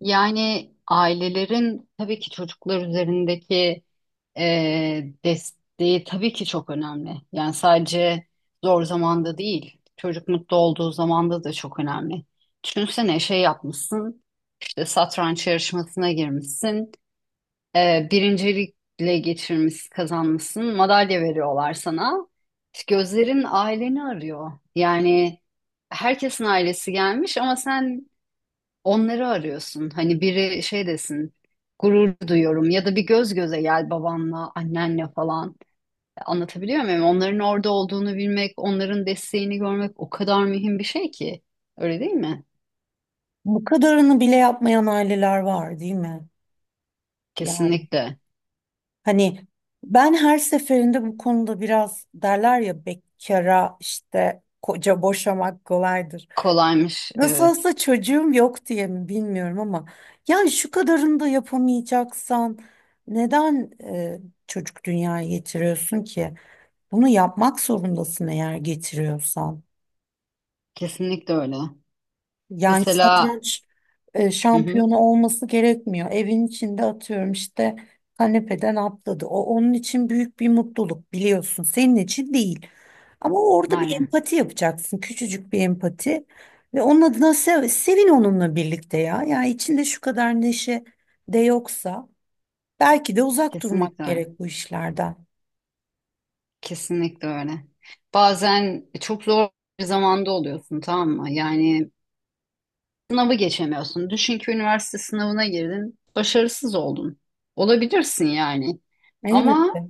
Yani ailelerin tabii ki çocuklar üzerindeki desteği tabii ki çok önemli. Yani sadece zor zamanda değil, çocuk mutlu olduğu zamanda da çok önemli. Düşünsene şey yapmışsın, işte satranç yarışmasına girmişsin, birincilikle geçirmiş, kazanmışsın, madalya veriyorlar sana. İşte gözlerin aileni arıyor. Yani herkesin ailesi gelmiş ama sen onları arıyorsun. Hani biri şey desin, gurur duyuyorum ya da bir göz göze gel babanla, annenle falan. Anlatabiliyor muyum? Onların orada olduğunu bilmek, onların desteğini görmek o kadar mühim bir şey ki. Öyle değil mi? Bu kadarını bile yapmayan aileler var, değil mi? Yani Kesinlikle. hani ben her seferinde bu konuda biraz derler ya bekara işte koca boşamak kolaydır. Kolaymış. Nasıl Evet. olsa çocuğum yok diye mi bilmiyorum ama yani şu kadarını da yapamayacaksan neden çocuk dünyaya getiriyorsun ki? Bunu yapmak zorundasın eğer getiriyorsan. Kesinlikle öyle. Yani Mesela. satranç Hı hı. şampiyonu olması gerekmiyor. Evin içinde atıyorum işte kanepeden atladı. O onun için büyük bir mutluluk biliyorsun. Senin için değil. Ama orada bir Aynen. empati yapacaksın. Küçücük bir empati. Ve onun adına sevin onunla birlikte ya. Yani içinde şu kadar neşe de yoksa belki de uzak durmak Kesinlikle öyle. gerek bu işlerden. Kesinlikle öyle. Bazen çok zor bir zamanda oluyorsun, tamam mı? Yani sınavı geçemiyorsun. Düşün ki üniversite sınavına girdin, başarısız oldun. Olabilirsin yani. Ama Elbette.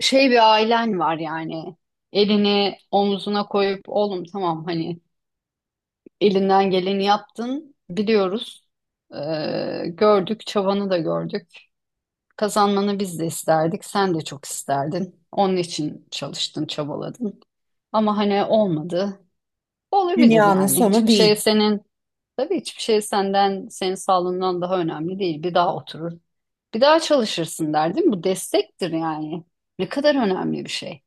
şey bir ailen var yani. Elini omuzuna koyup oğlum tamam hani elinden geleni yaptın biliyoruz. Gördük, çabanı da gördük. Kazanmanı biz de isterdik, sen de çok isterdin. Onun için çalıştın, çabaladın. Ama hani olmadı. Olabilir Dünyanın yani. sonu Hiçbir şey değil. senin Tabii hiçbir şey senden, senin sağlığından daha önemli değil. Bir daha oturur, bir daha çalışırsın der, değil mi? Bu destektir yani. Ne kadar önemli bir şey.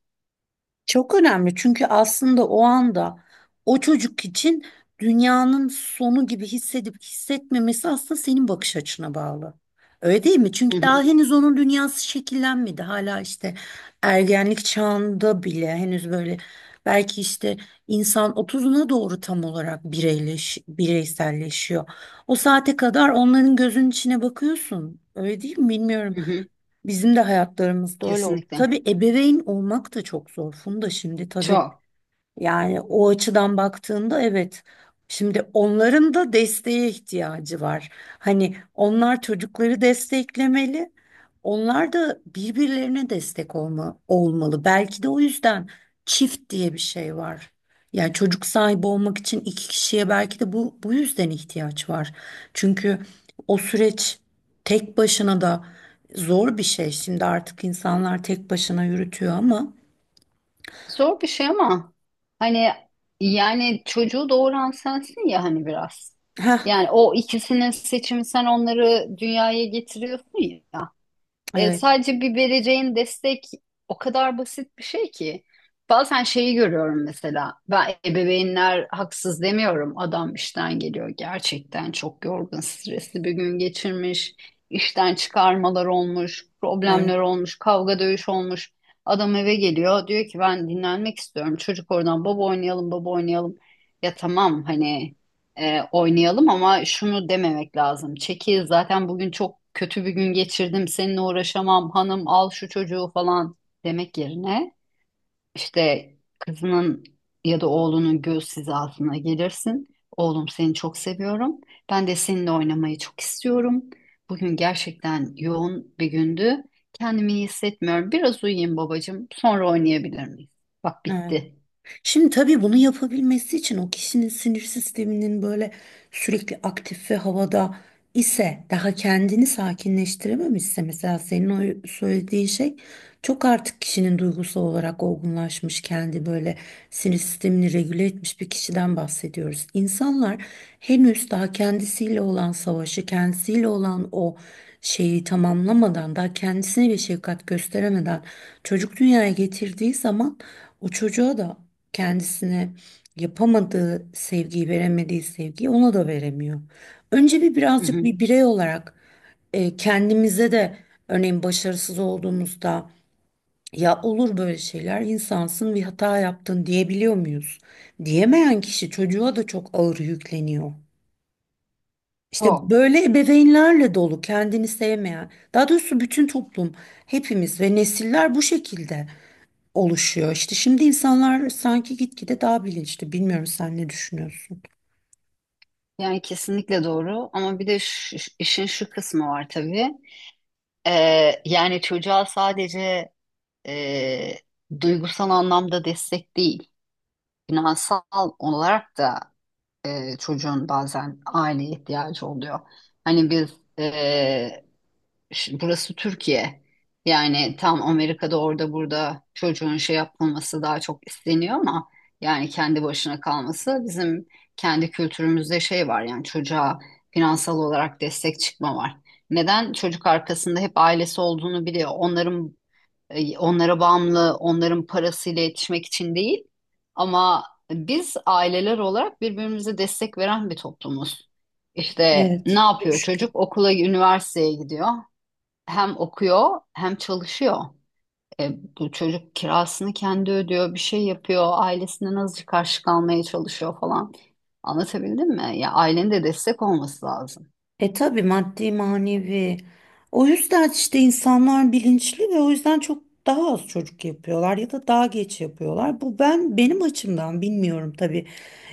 Çok önemli çünkü aslında o anda o çocuk için dünyanın sonu gibi hissedip hissetmemesi aslında senin bakış açına bağlı. Öyle değil mi? Hı Çünkü hı, daha henüz onun dünyası şekillenmedi. Hala işte ergenlik çağında bile henüz böyle belki işte insan 30'una doğru tam olarak bireyselleşiyor. O saate kadar onların gözünün içine bakıyorsun. Öyle değil mi? Bilmiyorum. hı hı. Bizim de hayatlarımızda öyle oldu. Kesinlikle. Tabii ebeveyn olmak da çok zor. Funda şimdi tabii Çok. yani o açıdan baktığında evet. Şimdi onların da desteğe ihtiyacı var. Hani onlar çocukları desteklemeli. Onlar da birbirlerine destek olmalı. Belki de o yüzden çift diye bir şey var. Yani çocuk sahibi olmak için iki kişiye belki de bu yüzden ihtiyaç var. Çünkü o süreç tek başına da zor bir şey. Şimdi artık insanlar tek başına yürütüyor ama. Zor bir şey ama hani yani çocuğu doğuran sensin ya hani biraz. Heh, Yani o ikisinin seçimi, sen onları dünyaya getiriyorsun ya. Evet, Sadece bir vereceğin destek o kadar basit bir şey ki. Bazen şeyi görüyorum mesela. Ben ebeveynler haksız demiyorum. Adam işten geliyor, gerçekten çok yorgun, stresli bir gün geçirmiş. İşten çıkarmalar olmuş, evet, problemler olmuş, kavga dövüş olmuş. Adam eve geliyor diyor ki ben dinlenmek istiyorum. Çocuk oradan baba oynayalım, baba oynayalım. Ya tamam, hani oynayalım, ama şunu dememek lazım. Çekil, zaten bugün çok kötü bir gün geçirdim, seninle uğraşamam, hanım al şu çocuğu falan demek yerine işte kızının ya da oğlunun göz hizasına gelirsin. Oğlum, seni çok seviyorum. Ben de seninle oynamayı çok istiyorum. Bugün gerçekten yoğun bir gündü. Kendimi iyi hissetmiyorum. Biraz uyuyayım babacığım. Sonra oynayabilir miyiz? Bak, evet. bitti. Şimdi tabii bunu yapabilmesi için o kişinin sinir sisteminin böyle sürekli aktif ve havada ise daha kendini sakinleştirememişse mesela senin o söylediğin şey çok artık kişinin duygusal olarak olgunlaşmış kendi böyle sinir sistemini regüle etmiş bir kişiden bahsediyoruz. İnsanlar henüz daha kendisiyle olan savaşı, kendisiyle olan o şeyi tamamlamadan, daha kendisine bir şefkat gösteremeden çocuk dünyaya getirdiği zaman o çocuğa da kendisine yapamadığı sevgiyi, veremediği sevgiyi ona da veremiyor. Önce bir Hı birazcık hı. bir birey olarak kendimize de örneğin başarısız olduğumuzda ya olur böyle şeyler insansın bir hata yaptın diyebiliyor muyuz? Diyemeyen kişi çocuğa da çok ağır yükleniyor. İşte O. böyle ebeveynlerle dolu kendini sevmeyen, daha doğrusu bütün toplum, hepimiz ve nesiller bu şekilde oluşuyor. İşte şimdi insanlar sanki gitgide daha bilinçli. Bilmiyorum sen ne düşünüyorsun? Yani kesinlikle doğru, ama bir de işin şu kısmı var tabii. Yani çocuğa sadece e, duygusal anlamda destek değil, finansal olarak da çocuğun bazen aileye ihtiyacı oluyor. Hani biz e, Şimdi burası Türkiye. Yani tam Amerika'da orada burada çocuğun şey yapılması daha çok isteniyor ama yani kendi başına kalması bizim kendi kültürümüzde şey var yani çocuğa finansal olarak destek çıkma var. Neden? Çocuk arkasında hep ailesi olduğunu biliyor. Onlara bağımlı, onların parasıyla yetişmek için değil. Ama biz aileler olarak birbirimize destek veren bir toplumuz. İşte ne Evet. Çok yapıyor şükür. çocuk? Okula, üniversiteye gidiyor, hem okuyor hem çalışıyor. E, Bu çocuk kirasını kendi ödüyor, bir şey yapıyor, ailesinden azıcık karşı kalmaya çalışıyor falan. Anlatabildim mi? Ya ailenin de destek olması lazım. E tabii maddi manevi. O yüzden işte insanlar bilinçli ve o yüzden çok daha az çocuk yapıyorlar ya da daha geç yapıyorlar. Bu ben benim açımdan bilmiyorum tabii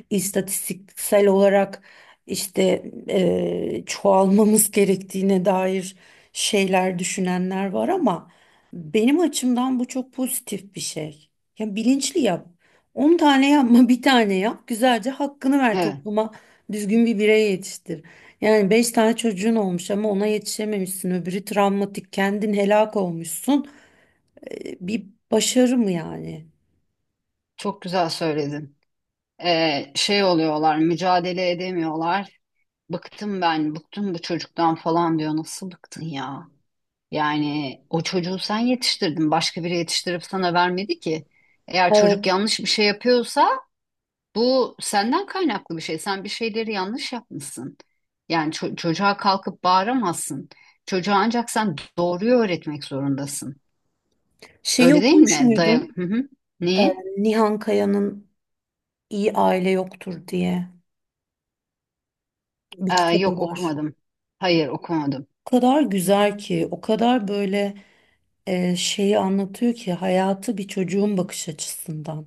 istatistiksel olarak işte çoğalmamız gerektiğine dair şeyler düşünenler var ama benim açımdan bu çok pozitif bir şey. Ya bilinçli yap. 10 tane yapma, bir tane yap. Güzelce hakkını ver Evet, topluma. Düzgün bir birey yetiştir. Yani beş tane çocuğun olmuş ama ona yetişememişsin. Öbürü travmatik, kendin helak olmuşsun. Bir başarı mı yani? çok güzel söyledin. Şey oluyorlar, mücadele edemiyorlar. Bıktım ben, bıktım bu çocuktan falan diyor. Nasıl bıktın ya? Yani o çocuğu sen yetiştirdin, başka biri yetiştirip sana vermedi ki. Eğer çocuk Ee, yanlış bir şey yapıyorsa bu senden kaynaklı bir şey. Sen bir şeyleri yanlış yapmışsın. Yani çocuğa kalkıp bağıramazsın. Çocuğa ancak sen doğruyu öğretmek zorundasın. Şeyi Öyle değil okumuş mi? Dayak. muydun? Hı hı. Ee, Niye? Nihan Kaya'nın İyi Aile Yoktur diye bir Aa, kitabı yok var. okumadım. Hayır okumadım. O kadar güzel ki, o kadar böyle şeyi anlatıyor ki hayatı bir çocuğun bakış açısından.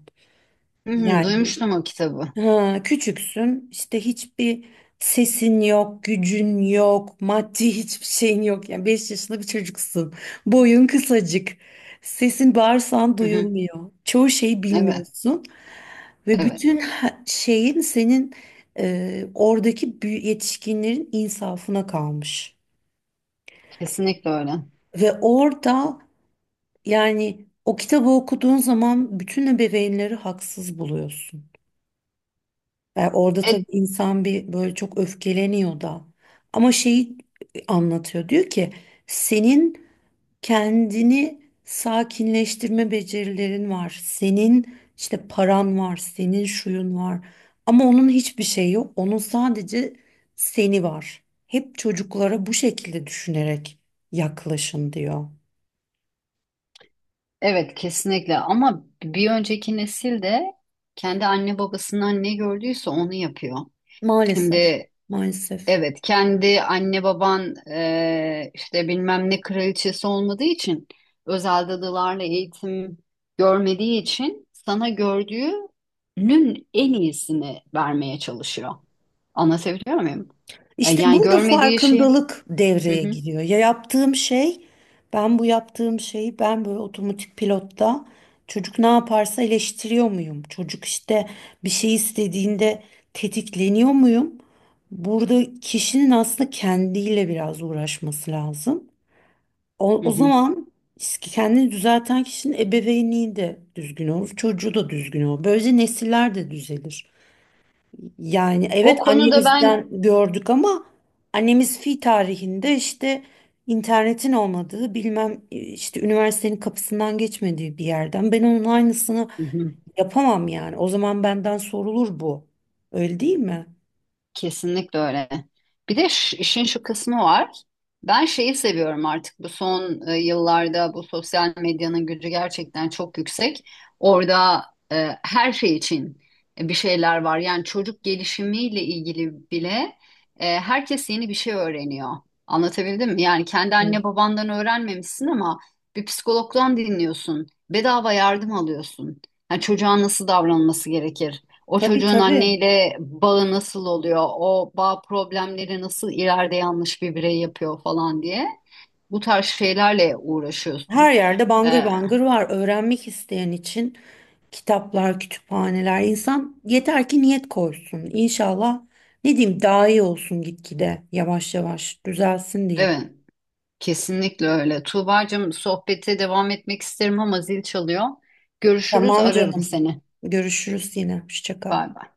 Hı hı, Yani duymuştum o kitabı. ha, küçüksün işte hiçbir sesin yok, gücün yok, maddi hiçbir şeyin yok. Yani 5 yaşında bir çocuksun. Boyun kısacık. Sesin bağırsan Hı hı. duyulmuyor. Çoğu şeyi Evet, bilmiyorsun ve evet. bütün şeyin senin oradaki yetişkinlerin insafına kalmış. Kesinlikle öyle. Ve orada yani o kitabı okuduğun zaman bütün ebeveynleri haksız buluyorsun. E, orada tabii E- insan bir böyle çok öfkeleniyor da. Ama şeyi anlatıyor. Diyor ki senin kendini sakinleştirme becerilerin var. Senin işte paran var, senin şuyun var. Ama onun hiçbir şeyi yok. Onun sadece seni var. Hep çocuklara bu şekilde düşünerek yaklaşın diyor. evet, kesinlikle. Ama bir önceki nesil de kendi anne babasından ne gördüyse onu yapıyor. Maalesef, Şimdi. maalesef. Evet, kendi anne baban işte bilmem ne kraliçesi olmadığı için özel dadılarla eğitim görmediği için sana gördüğünün en iyisini vermeye çalışıyor. Anlatabiliyor muyum? İşte Yani burada görmediği şey. farkındalık Hı devreye hı, giriyor. Ya yaptığım şey, ben bu yaptığım şeyi ben böyle otomatik pilotta çocuk ne yaparsa eleştiriyor muyum? Çocuk işte bir şey istediğinde tetikleniyor muyum? Burada kişinin aslında kendiyle biraz uğraşması lazım. O, hı o hı. zaman kendini düzelten kişinin ebeveynliği de düzgün olur, çocuğu da düzgün olur. Böylece nesiller de düzelir. Yani O evet konuda ben. annemizden gördük ama annemiz fi tarihinde işte internetin olmadığı bilmem işte üniversitenin kapısından geçmediği bir yerden ben onun aynısını Hı hı. yapamam yani. O zaman benden sorulur bu. Öyle değil mi? Kesinlikle öyle. Bir de işin şu kısmı var. Ben şeyi seviyorum artık bu son yıllarda bu sosyal medyanın gücü gerçekten çok yüksek. Orada her şey için bir şeyler var. Yani çocuk gelişimiyle ilgili bile herkes yeni bir şey öğreniyor. Anlatabildim mi? Yani kendi Hı. anne babandan öğrenmemişsin ama bir psikologdan dinliyorsun. Bedava yardım alıyorsun. Yani çocuğa nasıl davranması gerekir? O Tabii çocuğun tabii. anneyle bağı nasıl oluyor? O bağ problemleri nasıl ileride yanlış bir birey yapıyor falan diye. Bu tarz şeylerle uğraşıyorsun. Her yerde bangır Ee, bangır var. Öğrenmek isteyen için kitaplar, kütüphaneler. İnsan yeter ki niyet koysun. İnşallah ne diyeyim daha iyi olsun gitgide. Yavaş yavaş düzelsin diyeyim. evet, kesinlikle öyle. Tuğbacığım sohbete devam etmek isterim ama zil çalıyor. Görüşürüz, Tamam ararım canım. seni. Görüşürüz yine. Hoşça kal. Bay bay.